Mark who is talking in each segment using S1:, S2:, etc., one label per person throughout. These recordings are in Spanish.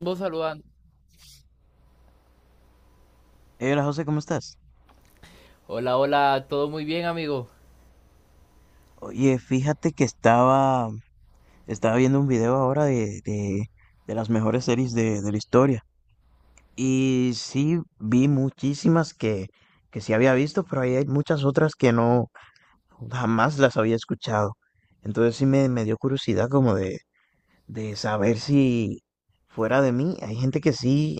S1: Vos saludando.
S2: Hey, hola José, ¿cómo estás?
S1: Hola, hola, todo muy bien, amigo.
S2: Oye, fíjate que estaba viendo un video ahora de las mejores series de la historia. Y sí, vi muchísimas que sí había visto, pero ahí hay muchas otras que no, jamás las había escuchado. Entonces sí me dio curiosidad como de saber si fuera de mí, hay gente que sí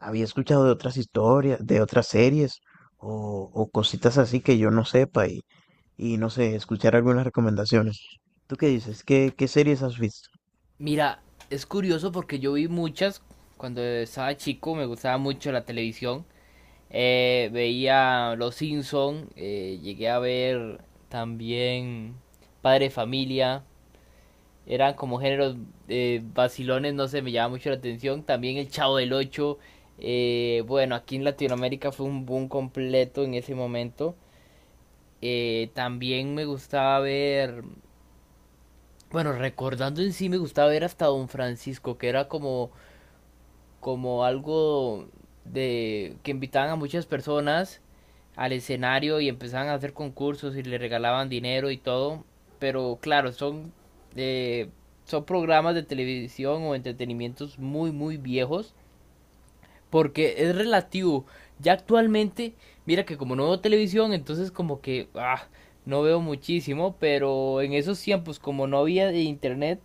S2: había escuchado de otras historias, de otras series o cositas así que yo no sepa y no sé, escuchar algunas recomendaciones. ¿Tú qué dices? ¿Qué series has visto?
S1: Mira, es curioso porque yo vi muchas cuando estaba chico, me gustaba mucho la televisión. Veía Los Simpson, llegué a ver también Padre Familia. Eran como géneros vacilones, no sé, me llamaba mucho la atención. También El Chavo del Ocho. Bueno, aquí en Latinoamérica fue un boom completo en ese momento. También me gustaba ver bueno, recordando en sí me gustaba ver hasta Don Francisco, que era como, como algo de que invitaban a muchas personas al escenario y empezaban a hacer concursos y le regalaban dinero y todo. Pero claro, son, eh, son programas de televisión o entretenimientos muy, muy viejos. Porque es relativo. Ya actualmente, mira que como no veo televisión, entonces como que no veo muchísimo. Pero en esos tiempos, como no había de internet,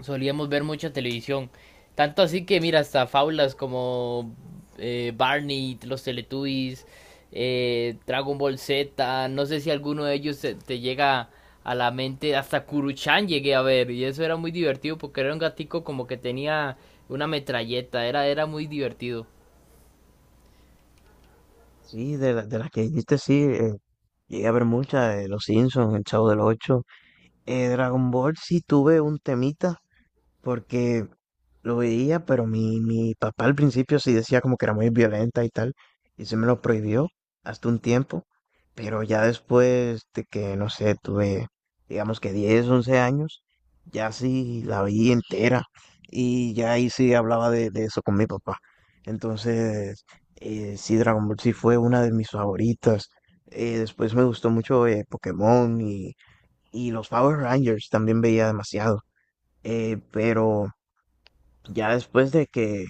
S1: solíamos ver mucha televisión. Tanto así que, mira, hasta fábulas como Barney, los Teletubbies, Dragon Ball Z, no sé si alguno de ellos te, te llega a la mente, hasta Kuruchan llegué a ver, y eso era muy divertido porque era un gatico como que tenía una metralleta, era, era muy divertido.
S2: Sí, de las que dijiste, sí, llegué a ver muchas, Los Simpsons, El Chavo del Ocho, Dragon Ball, sí tuve un temita porque lo veía, pero mi papá al principio sí decía como que era muy violenta y tal, y se me lo prohibió hasta un tiempo, pero ya después de que, no sé, tuve, digamos que 10 11 años, ya sí la vi entera, y ya ahí sí hablaba de eso con mi papá. Entonces, sí, Dragon Ball sí fue una de mis favoritas. Después me gustó mucho Pokémon y los Power Rangers también veía demasiado. Pero ya después de que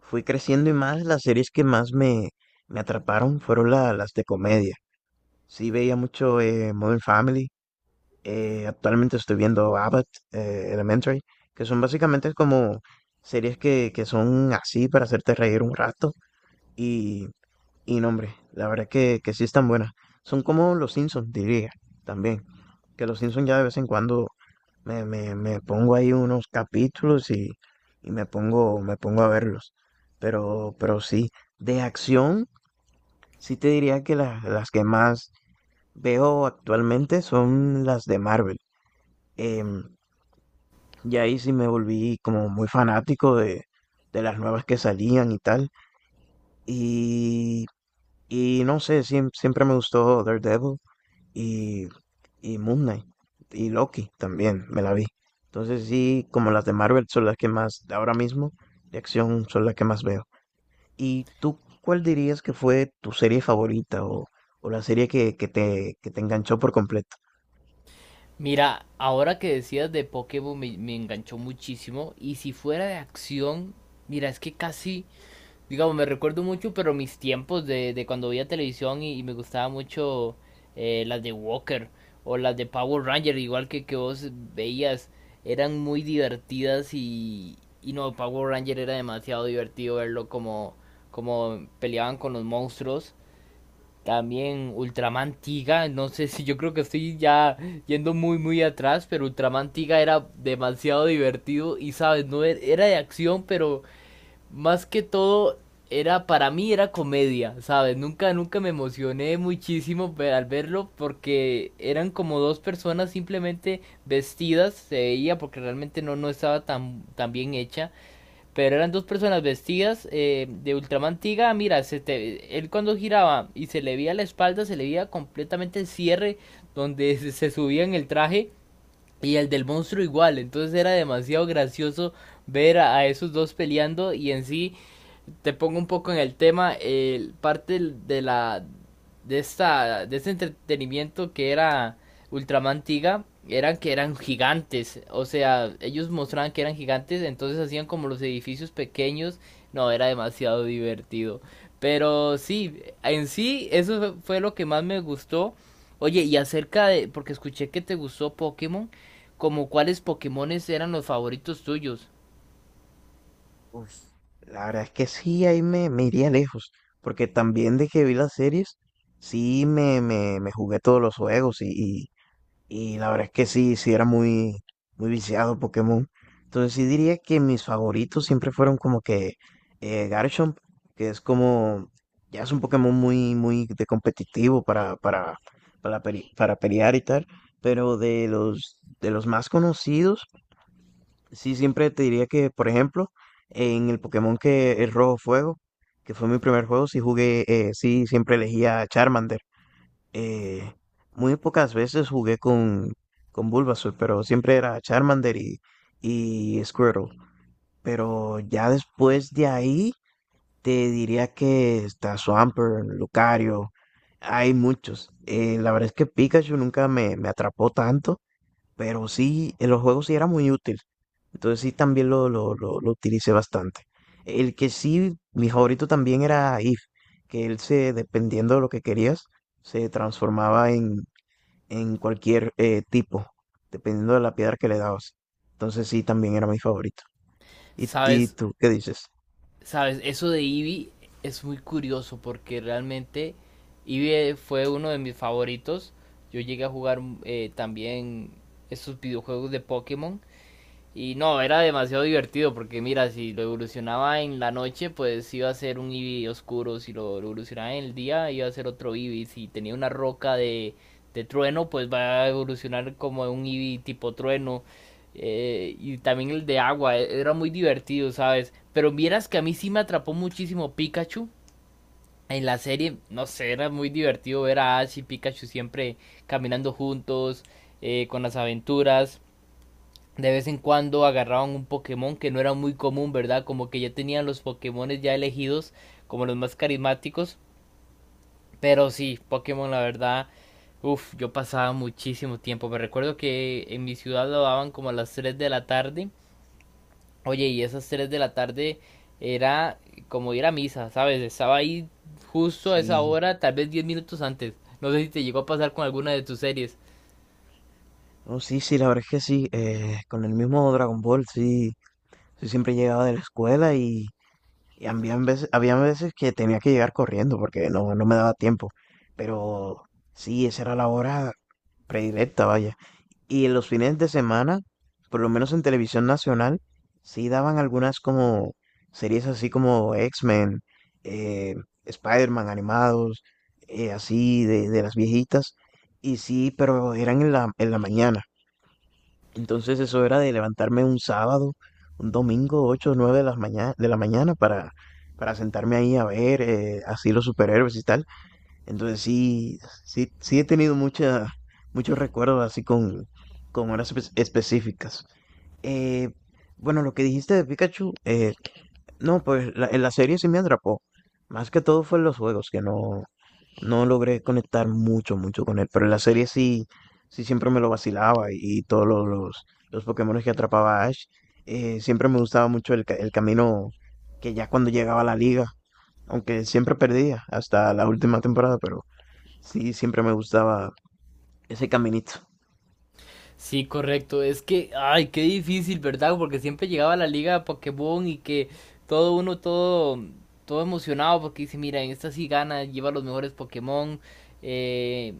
S2: fui creciendo y más, las series que más me atraparon fueron las de comedia. Sí veía mucho Modern Family, actualmente estoy viendo Abbott Elementary, que son básicamente como series que son así para hacerte reír un rato. y y no, hombre, la verdad que sí están buenas. Son como los Simpsons, diría, también. Que los Simpsons ya de vez en cuando me pongo ahí unos capítulos y me pongo a verlos. Pero sí, de acción, sí te diría que las que más veo actualmente son las de Marvel. Em, y ahí sí me volví como muy fanático de las nuevas que salían y tal. Y, y no sé, siempre me gustó Daredevil. y, y Moon Knight y Loki también me la vi. Entonces sí, como las de Marvel son las que más, ahora mismo, de acción son las que más veo. ¿Y tú cuál dirías que fue tu serie favorita o la serie que te enganchó por completo?
S1: Mira, ahora que decías de Pokémon me, me enganchó muchísimo, y si fuera de acción, mira, es que casi digamos, me recuerdo mucho, pero mis tiempos de cuando veía televisión y me gustaba mucho las de Walker o las de Power Ranger, igual que vos veías, eran muy divertidas y no, Power Ranger era demasiado divertido verlo como, como peleaban con los monstruos. También Ultraman Tiga, no sé si yo creo que estoy ya yendo muy atrás, pero Ultraman Tiga era demasiado divertido y sabes, no era de acción, pero más que todo era para mí era comedia, ¿sabes? Nunca me emocioné muchísimo al verlo porque eran como dos personas simplemente vestidas, se veía porque realmente no estaba tan bien hecha, pero eran dos personas vestidas de ultramantiga, mira, él cuando giraba y se le veía la espalda, se le veía completamente el cierre donde se subía en el traje y el del monstruo igual, entonces era demasiado gracioso ver a esos dos peleando y en sí te pongo un poco en el tema, parte de la de esta de este entretenimiento que era Ultraman Tiga eran que eran gigantes, o sea, ellos mostraban que eran gigantes, entonces hacían como los edificios pequeños, no, era demasiado divertido. Pero sí, en sí eso fue lo que más me gustó. Oye, y acerca de porque escuché que te gustó Pokémon, como cuáles Pokémones eran los favoritos tuyos.
S2: Uf, la verdad es que sí, ahí me iría lejos, porque también de que vi las series, sí me jugué todos los juegos Y la verdad es que sí, sí era muy, muy viciado Pokémon. Entonces sí diría que mis favoritos siempre fueron como que Garchomp, que es como, ya es un Pokémon muy, muy de competitivo para pelear y tal. Pero de los más conocidos, sí siempre te diría que, por ejemplo, en el Pokémon que es Rojo Fuego, que fue mi primer juego, sí jugué, sí siempre elegía a Charmander. Eh, muy pocas veces jugué con Bulbasaur, pero siempre era Charmander y Squirtle. Pero ya después de ahí, te diría que está Swampert, Lucario, hay muchos. La verdad es que Pikachu nunca me atrapó tanto, pero sí, en los juegos sí era muy útil. Entonces sí, también lo utilicé bastante. El que sí, mi favorito también era If, que él se, dependiendo de lo que querías, se transformaba en cualquier tipo, dependiendo de la piedra que le dabas. Entonces sí, también era mi favorito. ¿Y
S1: ¿Sabes?
S2: tú qué dices?
S1: Sabes, eso de Eevee es muy curioso porque realmente Eevee fue uno de mis favoritos. Yo llegué a jugar también esos videojuegos de Pokémon y no, era demasiado divertido porque mira, si lo evolucionaba en la noche, pues iba a ser un Eevee oscuro, si lo evolucionaba en el día, iba a ser otro Eevee, si tenía una roca de trueno, pues va a evolucionar como un Eevee tipo trueno. Y también el de agua, era muy divertido, ¿sabes? Pero vieras que a mí sí me atrapó muchísimo Pikachu. En la serie, no sé, era muy divertido ver a Ash y Pikachu siempre caminando juntos, con las aventuras de vez en cuando agarraban un Pokémon que no era muy común, ¿verdad? Como que ya tenían los Pokémones ya elegidos como los más carismáticos. Pero sí, Pokémon la verdad, uff, yo pasaba muchísimo tiempo. Me recuerdo que en mi ciudad lo daban como a las 3 de la tarde. Oye, y esas 3 de la tarde era como ir a misa, ¿sabes? Estaba ahí justo a esa
S2: Sí,
S1: hora, tal vez 10 minutos antes. No sé si te llegó a pasar con alguna de tus series.
S2: no, sí, sí, la verdad es que sí, con el mismo Dragon Ball, sí, yo siempre llegaba de la escuela y había veces que tenía que llegar corriendo porque no, no me daba tiempo, pero sí, esa era la hora predilecta, vaya. Y en los fines de semana, por lo menos en televisión nacional, sí daban algunas como series así como X-Men, eh, Spider-Man animados, así de las viejitas. Y sí, pero eran en la mañana. Entonces eso era de levantarme un sábado, un domingo, 8, o 9 de la mañana para sentarme ahí a ver así los superhéroes y tal. Entonces sí, sí, sí he tenido muchos recuerdos así con horas específicas. Eh, bueno, lo que dijiste de Pikachu, no, pues en la serie sí me atrapó. Más que todo fue en los juegos, que no, no logré conectar mucho, mucho con él. Pero en la serie sí, sí siempre me lo vacilaba y todos los Pokémones que atrapaba Ash. Siempre me gustaba mucho el camino que ya cuando llegaba a la liga, aunque siempre perdía hasta la última temporada, pero... Sí, siempre me gustaba ese caminito.
S1: Sí, correcto. Es que, ay, qué difícil, ¿verdad? Porque siempre llegaba la liga de Pokémon y que todo uno, todo, todo emocionado porque dice, mira, en esta sí gana, lleva los mejores Pokémon, eh,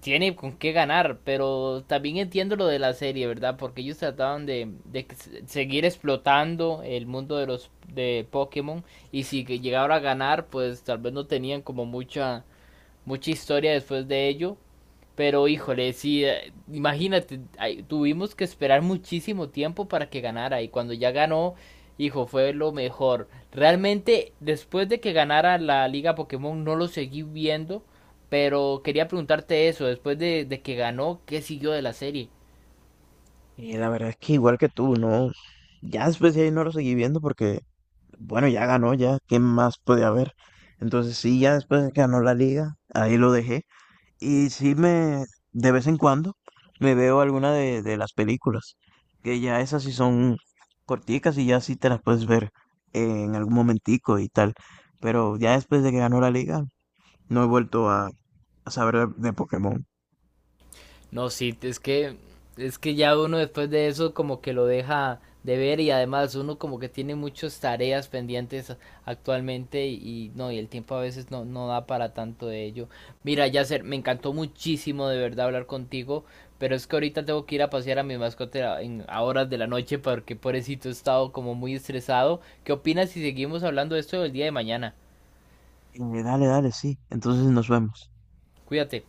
S1: tiene con qué ganar, pero también entiendo lo de la serie, ¿verdad? Porque ellos trataban de que seguir explotando el mundo de los de Pokémon y si que llegara a ganar, pues tal vez no tenían como mucha, mucha historia después de ello, pero híjole, sí, imagínate, ay, tuvimos que esperar muchísimo tiempo para que ganara y cuando ya ganó, hijo, fue lo mejor. Realmente, después de que ganara la Liga Pokémon, no lo seguí viendo, pero quería preguntarte eso, después de que ganó, ¿qué siguió de la serie?
S2: Y la verdad es que igual que tú, ¿no? Ya después de ahí no lo seguí viendo porque, bueno, ya ganó, ya, ¿qué más puede haber? Entonces sí, ya después de que ganó la liga, ahí lo dejé. Y sí de vez en cuando, me veo alguna de las películas, que ya esas sí son corticas y ya sí te las puedes ver en algún momentico y tal. Pero ya después de que ganó la liga, no he vuelto a saber de Pokémon.
S1: No, sí, es que ya uno después de eso como que lo deja de ver y además uno como que tiene muchas tareas pendientes actualmente y no, y el tiempo a veces no, no da para tanto de ello. Mira, Yasser, me encantó muchísimo de verdad hablar contigo, pero es que ahorita tengo que ir a pasear a mi mascota a horas de la noche porque pobrecito he estado como muy estresado. ¿Qué opinas si seguimos hablando de esto el día de mañana?
S2: Dale, dale, sí. Entonces nos vemos.
S1: Cuídate.